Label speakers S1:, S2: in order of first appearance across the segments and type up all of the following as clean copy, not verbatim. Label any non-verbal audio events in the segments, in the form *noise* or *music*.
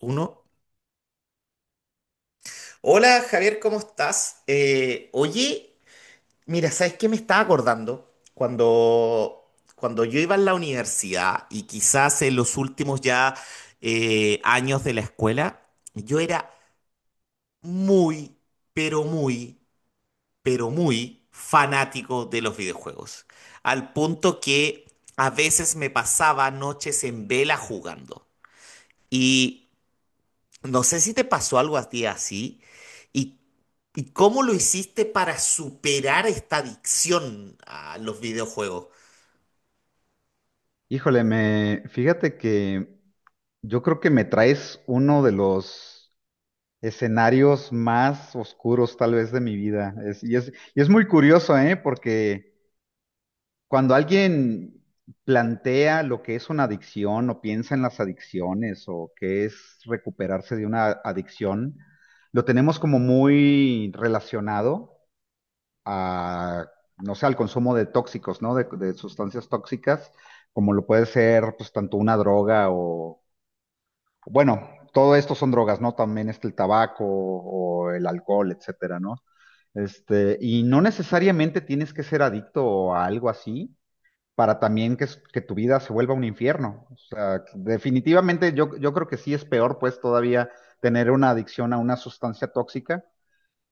S1: Uno. Hola Javier, ¿cómo estás? Oye, mira, ¿sabes qué me estaba acordando? Cuando yo iba en la universidad y quizás en los últimos ya años de la escuela, yo era muy, pero muy, pero muy fanático de los videojuegos. Al punto que a veces me pasaba noches en vela jugando. Y no sé si te pasó algo a ti así y, y cómo lo hiciste para superar esta adicción a los videojuegos.
S2: Híjole, me fíjate que yo creo que me traes uno de los escenarios más oscuros tal vez de mi vida. Y es muy curioso, ¿eh? Porque cuando alguien plantea lo que es una adicción o piensa en las adicciones o qué es recuperarse de una adicción, lo tenemos como muy relacionado a, no sé, al consumo de tóxicos, ¿no? De sustancias tóxicas, como lo puede ser, pues, tanto una droga o, bueno, todo esto son drogas, ¿no? También está el tabaco o el alcohol, etcétera, ¿no? Este, y no necesariamente tienes que ser adicto a algo así para también que tu vida se vuelva un infierno. O sea, que definitivamente yo creo que sí es peor, pues, todavía tener una adicción a una sustancia tóxica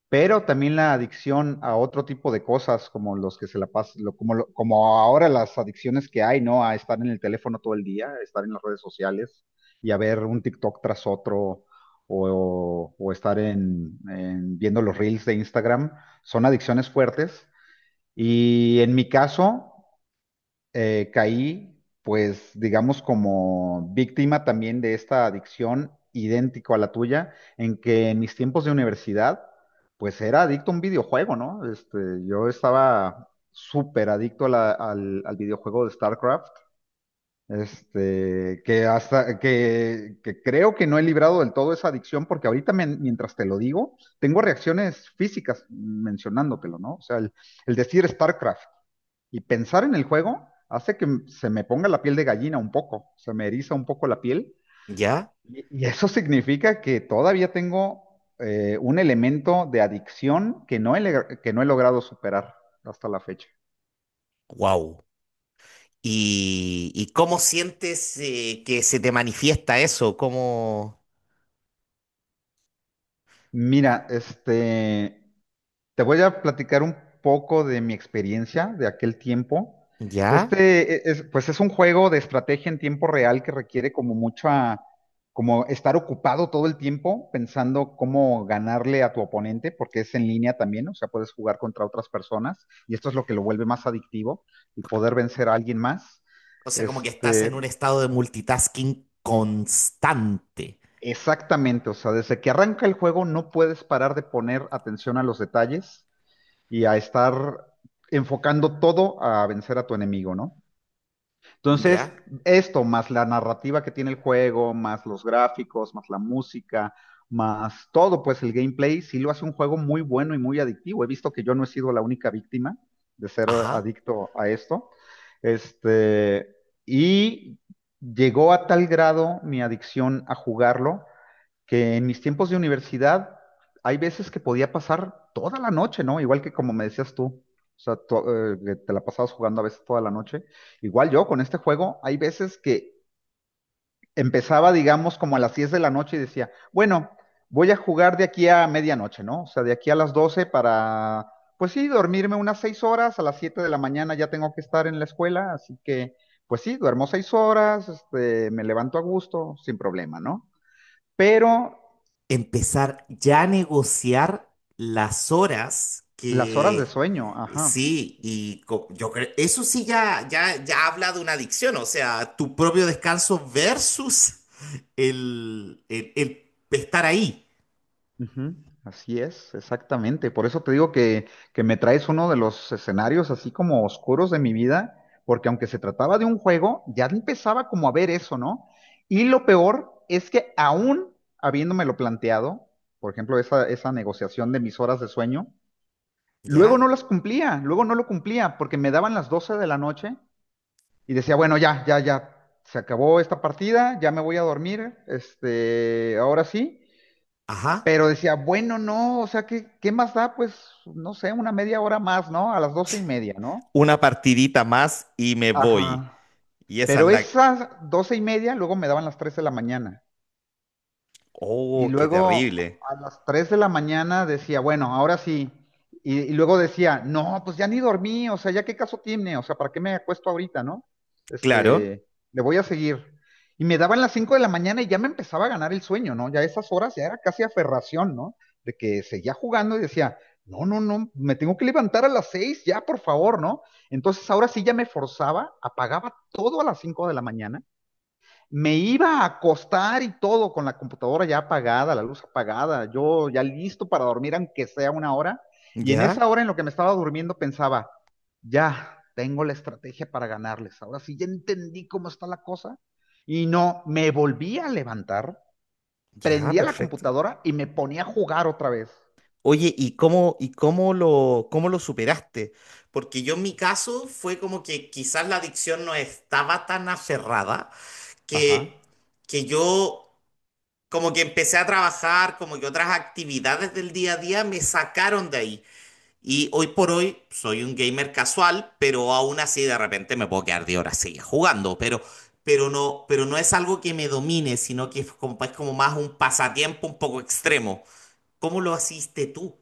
S2: pero también la adicción a otro tipo de cosas, como los que se la pasan, como ahora las adicciones que hay, ¿no? A estar en el teléfono todo el día, a estar en las redes sociales y a ver un TikTok tras otro o estar en viendo los reels de Instagram, son adicciones fuertes. Y en mi caso, caí, pues digamos como víctima también de esta adicción idéntico a la tuya, en que en mis tiempos de universidad, pues era adicto a un videojuego, ¿no? Este, yo estaba súper adicto a al videojuego de StarCraft, este, que creo que no he librado del todo esa adicción, porque ahorita mientras te lo digo, tengo reacciones físicas mencionándotelo, ¿no? O sea, el decir StarCraft. Y pensar en el juego hace que se me ponga la piel de gallina un poco, se me eriza un poco la piel.
S1: ¿Ya?
S2: Y eso *laughs* significa que todavía tengo un elemento de adicción que que no he logrado superar hasta la fecha.
S1: Wow. ¿Y cómo sientes que se te manifiesta eso? ¿Cómo...
S2: Mira, este, te voy a platicar un poco de mi experiencia de aquel tiempo.
S1: ¿Ya?
S2: Este, pues es un juego de estrategia en tiempo real que requiere como mucha, como estar ocupado todo el tiempo pensando cómo ganarle a tu oponente, porque es en línea también, o sea, puedes jugar contra otras personas y esto es lo que lo vuelve más adictivo, el poder vencer a alguien más.
S1: O sea, como que estás
S2: Este,
S1: en un estado de multitasking constante.
S2: exactamente, o sea, desde que arranca el juego no puedes parar de poner atención a los detalles y a estar enfocando todo a vencer a tu enemigo, ¿no? Entonces,
S1: ¿Ya?
S2: esto más la narrativa que tiene el juego, más los gráficos, más la música, más todo, pues el gameplay, sí lo hace un juego muy bueno y muy adictivo. He visto que yo no he sido la única víctima de ser
S1: Ajá.
S2: adicto a esto. Este, y llegó a tal grado mi adicción a jugarlo que en mis tiempos de universidad hay veces que podía pasar toda la noche, ¿no? Igual que como me decías tú, o sea, tú, que te la pasabas jugando a veces toda la noche. Igual yo con este juego hay veces que empezaba, digamos, como a las 10 de la noche y decía, bueno, voy a jugar de aquí a medianoche, ¿no? O sea, de aquí a las 12 para, pues sí, dormirme unas 6 horas, a las 7 de la mañana ya tengo que estar en la escuela, así que, pues sí, duermo 6 horas, este, me levanto a gusto, sin problema, ¿no? Pero
S1: Empezar ya a negociar las horas
S2: las horas de
S1: que
S2: sueño, ajá.
S1: sí, y yo creo, eso sí ya, ya, ya habla de una adicción, o sea, tu propio descanso versus el estar ahí,
S2: Ujú, así es, exactamente. Por eso te digo que me traes uno de los escenarios así como oscuros de mi vida, porque aunque se trataba de un juego, ya empezaba como a ver eso, ¿no? Y lo peor es que aún habiéndomelo planteado, por ejemplo, esa negociación de mis horas de sueño, luego no
S1: ¿ya?
S2: las cumplía, luego no lo cumplía, porque me daban las 12 de la noche y decía, bueno, ya, ya, ya, se acabó esta partida, ya me voy a dormir, este, ahora sí.
S1: Ajá.
S2: Pero decía, bueno, no, o sea, ¿qué más da? Pues, no sé, una media hora más, ¿no? A las 12 y media, ¿no?
S1: Una partidita más y me voy.
S2: Ajá.
S1: Y esa es
S2: Pero
S1: la...
S2: esas 12 y media luego me daban las 3 de la mañana. Y
S1: Oh, qué
S2: luego
S1: terrible.
S2: a las 3 de la mañana decía, bueno, ahora sí. Y luego decía, no, pues ya ni dormí, o sea, ya qué caso tiene, o sea, ¿para qué me acuesto ahorita, no?
S1: Claro.
S2: Este, le voy a seguir. Y me daban las 5 de la mañana y ya me empezaba a ganar el sueño, ¿no? Ya a esas horas ya era casi aferración, ¿no? De que seguía jugando y decía, no, no, no, me tengo que levantar a las 6 ya, por favor, ¿no? Entonces ahora sí ya me forzaba, apagaba todo a las 5 de la mañana, me iba a acostar y todo con la computadora ya apagada, la luz apagada, yo ya listo para dormir aunque sea una hora. Y en
S1: Ya,
S2: esa hora en lo que me estaba durmiendo pensaba, ya tengo la estrategia para ganarles. Ahora sí, ya entendí cómo está la cosa. Y no, me volví a levantar,
S1: ya,
S2: prendía la
S1: perfecto.
S2: computadora y me ponía a jugar otra vez.
S1: Oye, ¿y cómo, cómo lo superaste? Porque yo en mi caso fue como que quizás la adicción no estaba tan aferrada que,
S2: Ajá.
S1: que yo como que empecé a trabajar, como que otras actividades del día a día me sacaron de ahí. Y hoy por hoy soy un gamer casual, pero aún así de repente me puedo quedar de horas seguidas jugando, pero no es algo que me domine, sino que es es como más un pasatiempo un poco extremo. ¿Cómo lo hiciste tú?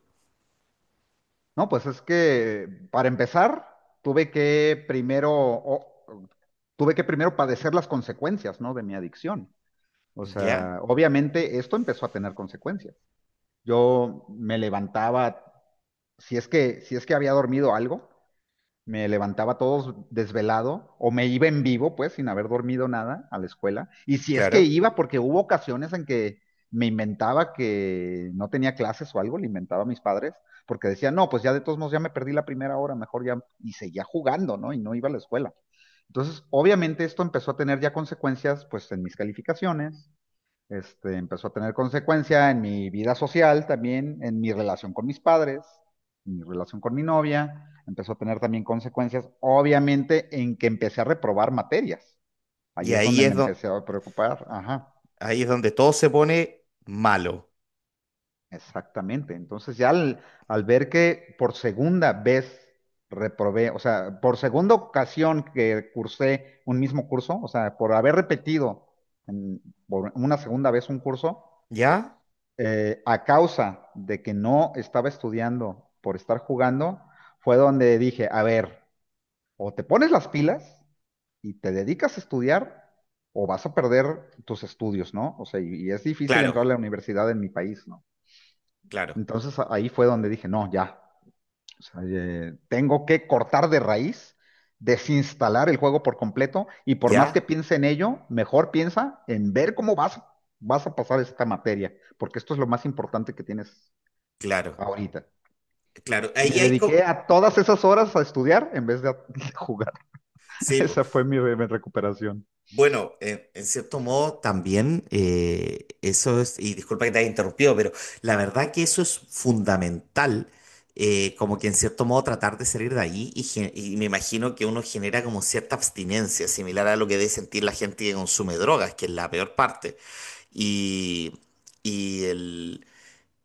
S2: No, pues es que para empezar, tuve que primero, o- tuve que primero padecer las consecuencias, ¿no? De mi adicción. O sea,
S1: ¿Ya?
S2: obviamente esto empezó a tener consecuencias. Yo me levantaba, si es que había dormido algo, me levantaba todo desvelado o me iba en vivo, pues, sin haber dormido nada a la escuela. Y si es que
S1: Claro.
S2: iba, porque hubo ocasiones en que me inventaba que no tenía clases o algo, le inventaba a mis padres, porque decía, no, pues ya de todos modos ya me perdí la primera hora, mejor ya, y seguía jugando, ¿no? Y no iba a la escuela. Entonces, obviamente esto empezó a tener ya consecuencias, pues, en mis calificaciones, este, empezó a tener consecuencia en mi vida social también, en mi relación con mis padres, en mi relación con mi novia. Empezó a tener también consecuencias, obviamente, en que empecé a reprobar materias. Ahí
S1: Y
S2: es donde me empecé a preocupar. Ajá,
S1: ahí es donde todo se pone malo.
S2: exactamente. Entonces ya al ver que por segunda vez reprobé, o sea, por segunda ocasión que cursé un mismo curso, o sea, por haber repetido en- por una segunda vez un curso,
S1: ¿Ya?
S2: a causa de que no estaba estudiando por estar jugando, fue donde dije, a ver, o te pones las pilas y te dedicas a estudiar, o vas a perder tus estudios, ¿no? O sea, y es difícil
S1: Claro,
S2: entrar a la universidad en mi país, ¿no?
S1: claro,
S2: Entonces ahí fue donde dije, no, ya, o sea, tengo que cortar de raíz, desinstalar el juego por completo, y por más que
S1: ya,
S2: piense en ello, mejor piensa en ver cómo vas, vas a pasar esta materia, porque esto es lo más importante que tienes
S1: claro,
S2: ahorita.
S1: claro.
S2: Y me dediqué a todas esas horas a estudiar en vez de, *laughs* de jugar. *laughs*
S1: Sí, po.
S2: Esa fue mi recuperación.
S1: Bueno, en cierto modo también eso es, y disculpa que te haya interrumpido, pero la verdad que eso es fundamental, como que en cierto modo tratar de salir de ahí y, y me imagino que uno genera como cierta abstinencia, similar a lo que debe sentir la gente que consume drogas, que es la peor parte. Y, y el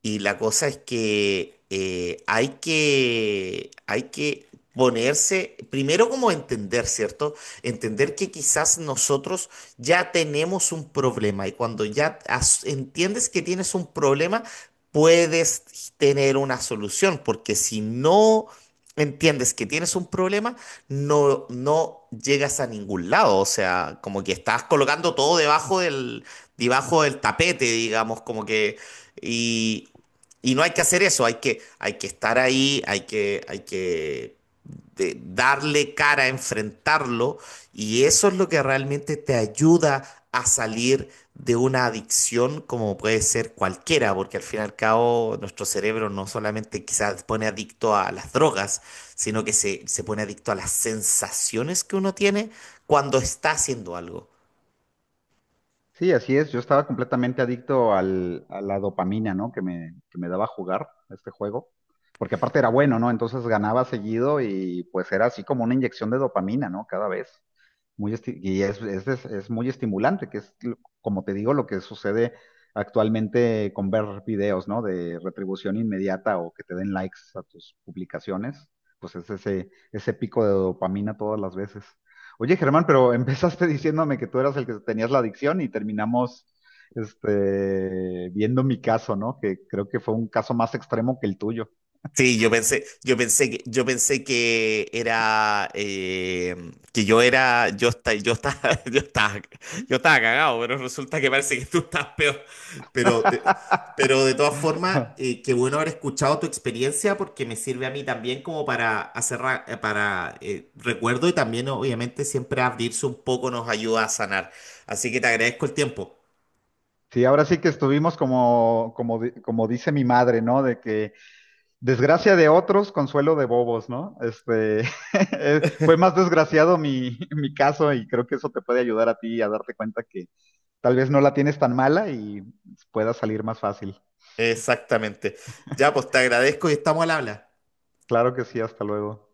S1: Y la cosa es que hay que, hay que ponerse, primero como entender, ¿cierto? Entender que quizás nosotros ya tenemos un problema y cuando ya entiendes que tienes un problema, puedes tener una solución, porque si no entiendes que tienes un problema, no, no llegas a ningún lado, o sea, como que estás colocando todo debajo debajo del tapete, digamos, como que... Y, y no hay que hacer eso, hay que estar ahí, hay que darle cara, enfrentarlo, y eso es lo que realmente te ayuda a salir de una adicción como puede ser cualquiera, porque al fin y al cabo nuestro cerebro no solamente quizás pone adicto a las drogas, sino que se pone adicto a las sensaciones que uno tiene cuando está haciendo algo.
S2: Sí, así es. Yo estaba completamente adicto a la dopamina, ¿no? Que me daba jugar este juego. Porque aparte era bueno, ¿no? Entonces ganaba seguido y pues era así como una inyección de dopamina, ¿no? Cada vez. Muy esti- y es muy estimulante, como te digo, lo que sucede actualmente con ver videos, ¿no? De retribución inmediata o que te den likes a tus publicaciones, pues es ese pico de dopamina todas las veces. Oye, Germán, pero empezaste *laughs* diciéndome que tú eras el que tenías la adicción y terminamos, este, viendo mi caso, ¿no? Que creo que fue un caso más extremo que el tuyo.
S1: Sí, yo pensé, yo pensé que era, que yo era, yo estaba, *laughs* yo estaba cagado, pero resulta que parece que tú estás peor. Pero de,
S2: *laughs*
S1: pero de todas formas, qué bueno haber escuchado tu experiencia porque me sirve a mí también como para hacer, para recuerdo y también obviamente siempre abrirse un poco nos ayuda a sanar. Así que te agradezco el tiempo.
S2: Sí, ahora sí que estuvimos como, como, como dice mi madre, ¿no? De que desgracia de otros, consuelo de bobos, ¿no? Este, *laughs* fue más desgraciado *laughs* mi caso y creo que eso te puede ayudar a ti a darte cuenta que tal vez no la tienes tan mala y pueda salir más fácil.
S1: Exactamente. Ya, pues te agradezco y estamos al habla.
S2: Claro que sí, hasta luego.